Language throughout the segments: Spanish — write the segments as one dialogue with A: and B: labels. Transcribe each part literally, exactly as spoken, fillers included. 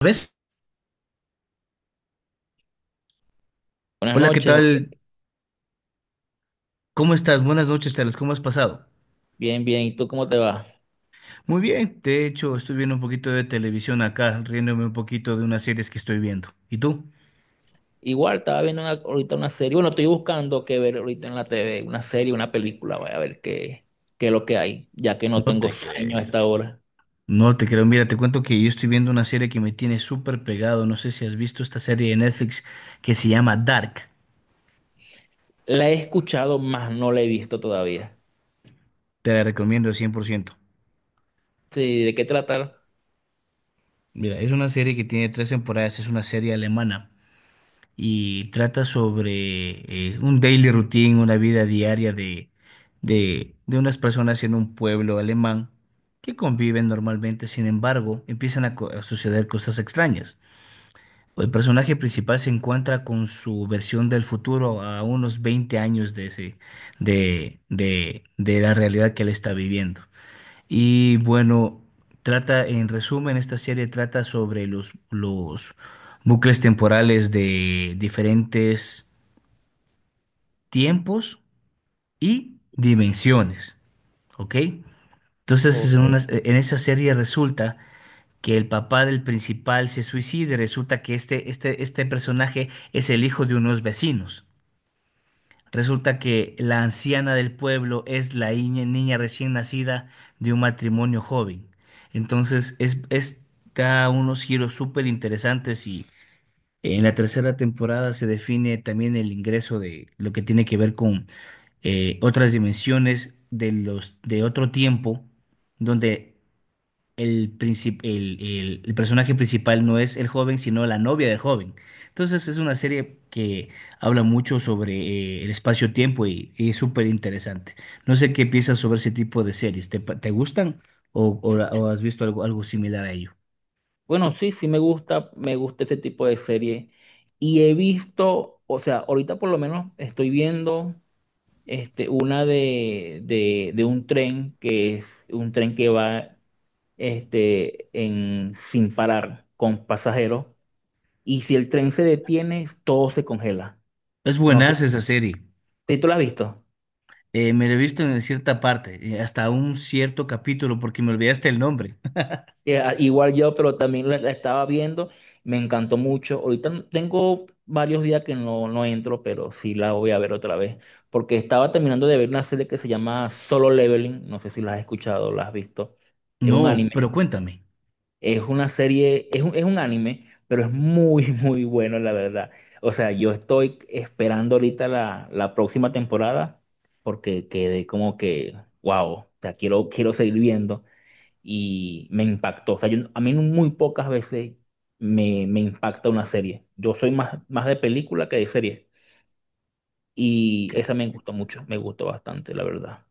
A: ¿Ves?
B: Buenas
A: Hola, ¿qué
B: noches,
A: tal?
B: José.
A: ¿Cómo estás? Buenas noches, Carlos. ¿Cómo has pasado?
B: Bien, bien. ¿Y tú cómo te va?
A: Muy bien. De hecho, estoy viendo un poquito de televisión acá, riéndome un poquito de unas series que estoy viendo. ¿Y tú?
B: Igual, estaba viendo una- ahorita una serie. Bueno, estoy buscando qué ver ahorita en la T V, una serie, una película. Voy a ver qué, qué es lo que hay, ya que no
A: No
B: tengo
A: te
B: sueño a
A: creo.
B: esta hora.
A: No te creo. Mira, te cuento que yo estoy viendo una serie que me tiene súper pegado. No sé si has visto esta serie de Netflix que se llama Dark.
B: La he escuchado, más no la he visto todavía.
A: Te la recomiendo cien por ciento.
B: Sí, ¿de qué tratar?
A: Mira, es una serie que tiene tres temporadas. Es una serie alemana y trata sobre eh, un daily routine, una vida diaria de, de, de unas personas en un pueblo alemán que conviven normalmente. Sin embargo, empiezan a, co- a suceder cosas extrañas. El personaje principal se encuentra con su versión del futuro a unos veinte años de ese, de, de, de la realidad que él está viviendo. Y bueno, trata, en resumen, esta serie trata sobre los, los bucles temporales de diferentes tiempos y dimensiones, ¿ok? Entonces, es en,
B: Ok.
A: una- en esa serie resulta que el papá del principal se suicida, y resulta que este, este, este personaje es el hijo de unos vecinos. Resulta que la anciana del pueblo es la iña- niña recién nacida de un matrimonio joven. Entonces, es, es- Da unos giros súper interesantes, y en la tercera temporada se define también el ingreso de lo que tiene que ver con eh, otras dimensiones de los de otro tiempo, donde el, princip- el, el- el personaje principal no es el joven, sino la novia del joven. Entonces es una serie que habla mucho sobre eh, el espacio-tiempo y, y es súper interesante. No sé qué piensas sobre ese tipo de series. ¿Te, pa- te gustan o, o la- o has visto algo, algo similar a ello?
B: Bueno, sí, sí me gusta, me gusta este tipo de serie. Y he visto, o sea, ahorita por lo menos estoy viendo este, una de, de, de un tren, que es un tren que va este, en, sin parar con pasajeros. Y si el tren se detiene, todo se congela.
A: Es
B: No sé,
A: buenaza esa serie.
B: ¿sí tú lo has visto?
A: Eh, me la he visto en cierta parte, eh, hasta un cierto capítulo porque me olvidaste el nombre.
B: Eh, ah, igual yo, pero también la, la estaba viendo, me encantó mucho. Ahorita no- Tengo varios días que no, no entro, pero sí la voy a ver otra vez. Porque estaba terminando de ver una serie que se llama Solo Leveling, no sé si la has escuchado, la has visto. Es un
A: No,
B: anime.
A: pero cuéntame.
B: Es una serie, es un, es un anime, pero es muy, muy bueno, la verdad. O sea, yo estoy esperando ahorita la, la próxima temporada porque quedé como que, wow, o sea, quiero, quiero seguir viendo y me impactó. O sea, yo- a mí no, muy pocas veces me, me impacta una serie. Yo soy más, más de película que de serie y esa me gustó mucho, me gustó bastante, la verdad.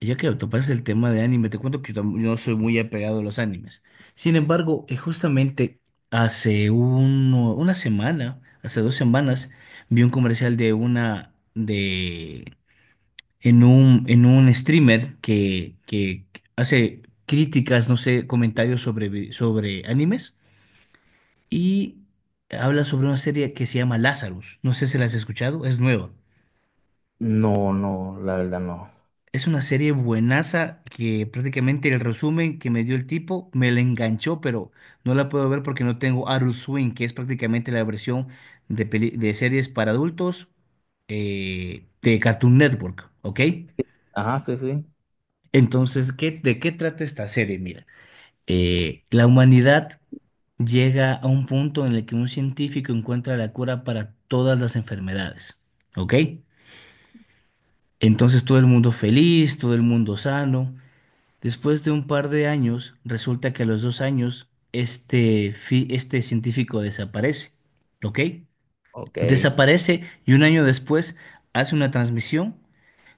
A: Y Ya que topas el tema de anime, te cuento que yo tam- yo no soy muy apegado a los animes. Sin embargo, eh, justamente hace uno- una semana, hace dos semanas, vi un comercial de una de en un en un streamer que, que hace críticas, no sé, comentarios sobre vi- sobre animes, y habla sobre una serie que se llama Lazarus. No sé si la has escuchado, es nueva.
B: No, no, la verdad no.
A: Es una serie buenaza que prácticamente el resumen que me dio el tipo me la enganchó, pero no la puedo ver porque no tengo Adult Swim, que es prácticamente la versión de, peli- de series para adultos, eh, de Cartoon Network, ¿ok?
B: Ajá, sí, sí.
A: Entonces, ¿qué, de qué trata esta serie? Mira, eh, la humanidad llega a un punto en el que un científico encuentra la cura para todas las enfermedades, ¿ok? Entonces todo el mundo feliz, todo el mundo sano. Después de un par de años, resulta que a los dos años, este, fi- este científico desaparece, ¿ok?
B: Ok,
A: Desaparece, y un año después hace una transmisión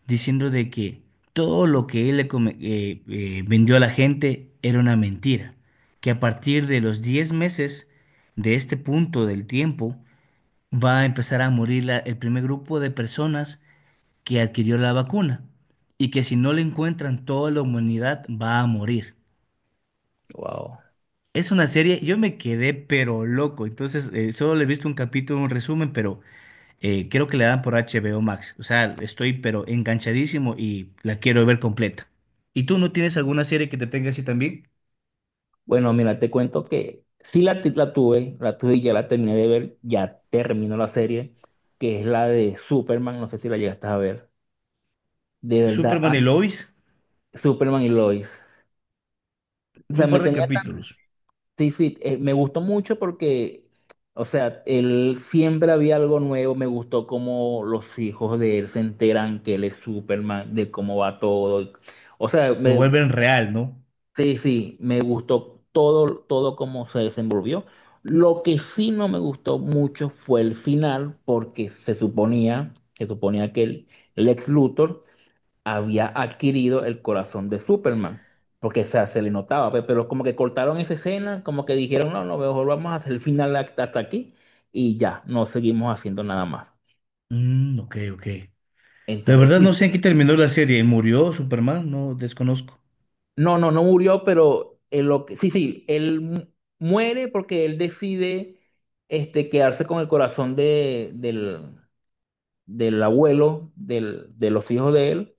A: diciendo de que todo lo que él le come- eh, eh, vendió a la gente era una mentira, que a partir de los diez meses de este punto del tiempo va a empezar a morir la- el primer grupo de personas que adquirió la vacuna, y que si no la encuentran, toda la humanidad va a morir.
B: wow.
A: Es una serie, yo me quedé pero loco. Entonces eh, solo le he visto un capítulo, un resumen, pero eh, creo que la dan por H B O Max. O sea, estoy pero enganchadísimo y la quiero ver completa. ¿Y tú no tienes alguna serie que te tenga así también?
B: Bueno, mira, te cuento que sí la, ti- la tuve, la tuve y ya la terminé de ver, ya terminó la serie, que es la de Superman, no sé si la llegaste a ver. De verdad, a-
A: Superman y Lois,
B: Superman y Lois. O
A: vi
B: sea,
A: un
B: me
A: par de
B: tenía,
A: capítulos,
B: sí, sí, eh, me gustó mucho porque, o sea, él siempre había algo nuevo, me gustó cómo los hijos de él se enteran que él es Superman, de cómo va todo. O sea,
A: lo vuelven real, ¿no?
B: sí, sí, me gustó todo, todo cómo se desenvolvió. Lo que sí no me gustó mucho fue el final, porque se suponía, se suponía que el Lex Luthor había adquirido el corazón de Superman, porque o sea, se le notaba, pe- pero como que cortaron esa escena, como que dijeron, no, no, mejor vamos a hacer el final hasta hasta aquí y ya, no seguimos haciendo nada más.
A: Mm, ok, ok. La
B: Entonces,
A: verdad no
B: sí,
A: sé en qué terminó la serie. ¿Murió Superman? No, desconozco.
B: no, no, no murió, pero él lo que, sí, sí, él mu- muere porque él decide este, quedarse con el corazón de, del, del abuelo, del, de los hijos de él,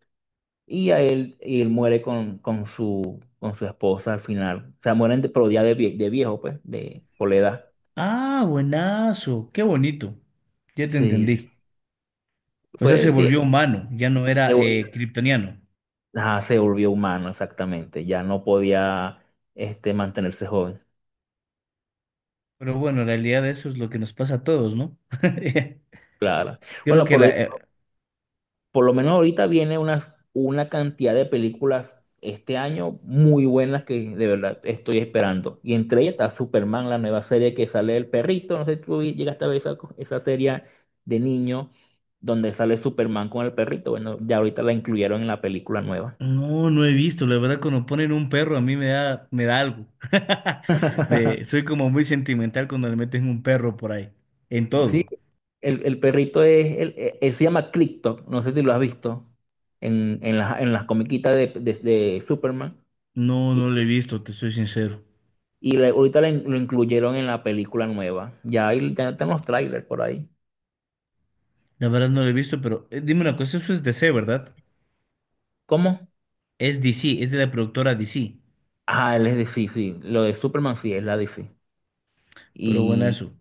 B: y a él, y él muere con, con su, con su esposa al final. O sea, mueren de, pero ya de, vie- de viejo, pues, de, por la edad.
A: Ah, buenazo, qué bonito, ya te
B: Sí,
A: entendí. O sea,
B: fue,
A: se
B: sí,
A: volvió humano, ya no
B: se,
A: era
B: vol-
A: eh, kryptoniano.
B: ajá, se volvió humano, exactamente. Ya no podía este, mantenerse joven,
A: Pero bueno, en realidad eso es lo que nos pasa a todos, ¿no?
B: claro.
A: Creo
B: Bueno,
A: que
B: pero
A: la… eh,
B: por lo menos ahorita viene una, una cantidad de películas este año muy buenas que de verdad estoy esperando. Y entre ellas está Superman, la nueva serie que sale del perrito. No sé si tú llegaste a ver esa, co- esa serie de niño donde sale Superman con el perrito. Bueno, ya ahorita la incluyeron en la película nueva.
A: No, no he visto. La verdad, cuando ponen un perro, a mí me da, me da algo. Me- soy como muy sentimental cuando le meten un perro por ahí, en
B: Sí,
A: todo.
B: el, el perrito es, el- eh, él se llama Clicktok, no sé si lo has visto en, en, las en las comiquitas de, de de Superman.
A: No, no lo he visto, te soy sincero.
B: Y le- ahorita le- lo incluyeron en la película nueva. Ya, hay, ya están los trailers por ahí.
A: La verdad no lo he visto, pero eh, dime una cosa, eso es D C, ¿verdad?
B: ¿Cómo?
A: Es D C, es de la productora D C.
B: Ah, él es de sí, sí. Lo de Superman sí es la D C.
A: Pero bueno,
B: Y
A: eso.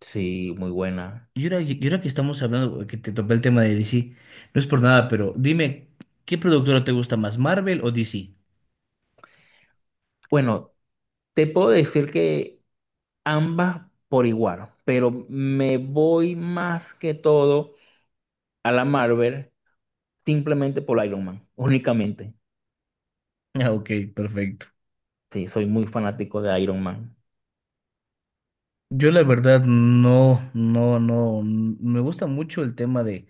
B: sí, muy buena.
A: Y ahora, y ahora que estamos hablando, que te topé el tema de D C, no es por nada, pero dime, ¿qué productora te gusta más, Marvel o D C?
B: Bueno, te puedo decir que ambas por igual, pero me voy más que todo a la Marvel simplemente por Iron Man, únicamente.
A: Ah, ok, perfecto.
B: Sí, soy muy fanático de Iron Man.
A: Yo la verdad no, no, no, n- me gusta mucho el tema de,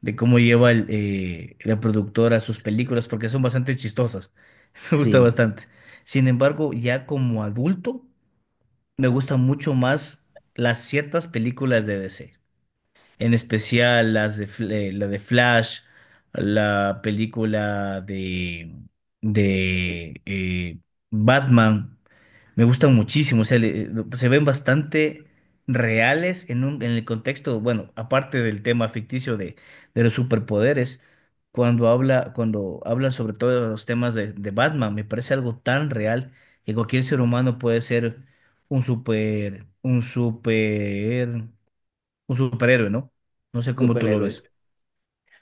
A: de cómo lleva el, eh, la productora sus películas porque son bastante chistosas, me gusta
B: Sí,
A: bastante. Sin embargo, ya como adulto, me gustan mucho más las ciertas películas de D C, en especial las de, Fl- eh, la de Flash, la película de, de eh, Batman. Me gustan muchísimo, o sea, le- se ven bastante reales en un, en el contexto, bueno, aparte del tema ficticio de, de los superpoderes. Cuando habla, cuando hablan sobre todo los temas de, de Batman, me parece algo tan real que cualquier ser humano puede ser un super, un super un superhéroe, ¿no? No sé cómo tú lo
B: superhéroe.
A: ves.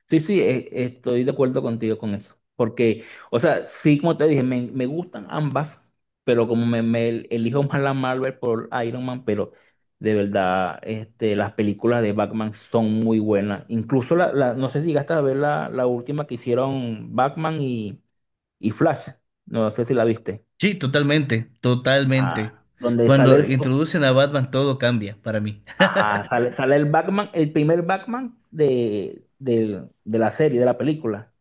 B: Sí, sí, e- estoy de acuerdo contigo con eso. Porque, o sea, sí, como te dije, me, me gustan ambas, pero como me, me elijo más la Marvel por Iron Man, pero de verdad, este, las películas de Batman son muy buenas. Incluso la, la- no sé si llegaste a ver la, la última que hicieron Batman y, y Flash. No sé si la viste.
A: Sí, totalmente,
B: Ah,
A: totalmente.
B: donde sale
A: Cuando
B: el, su-
A: introducen a Batman, todo cambia para mí.
B: ajá, sale, sale el Batman, el primer Batman de, del- de la serie, de la película.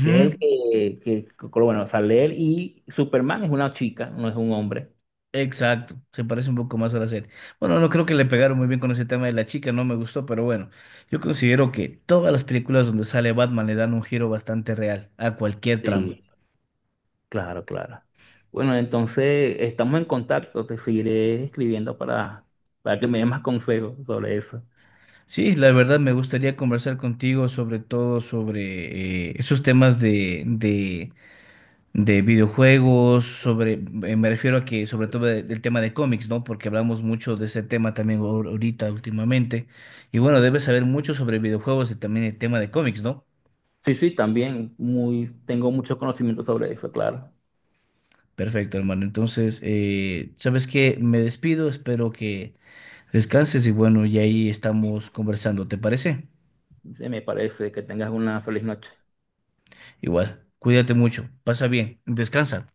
B: Que es el que, que, que- bueno, sale él y Superman es una chica, no es un hombre.
A: Exacto, se parece un poco más a la serie. Bueno, no creo que le pegaron muy bien con ese tema de la chica, no me gustó, pero bueno, yo considero que todas las películas donde sale Batman le dan un giro bastante real a cualquier
B: Sí.
A: trama.
B: Sí, claro, claro. Bueno, entonces estamos en contacto, te seguiré escribiendo para, para que me des más consejos sobre eso.
A: Sí, la verdad me gustaría conversar contigo sobre todo sobre eh, esos temas de, de de videojuegos, sobre, eh, me refiero a que sobre todo de- del tema de cómics, ¿no? Porque hablamos mucho de ese tema también ahor- ahorita últimamente. Y bueno, debes saber mucho sobre videojuegos y también el tema de cómics, ¿no?
B: Sí, sí, también muy, tengo mucho conocimiento sobre eso, claro.
A: Perfecto, hermano. Entonces, eh, ¿sabes qué? Me despido, espero que descanses y bueno, y ahí estamos conversando, ¿te parece?
B: Se me parece que tengas una feliz noche.
A: Igual, cuídate mucho, pasa bien, descansa.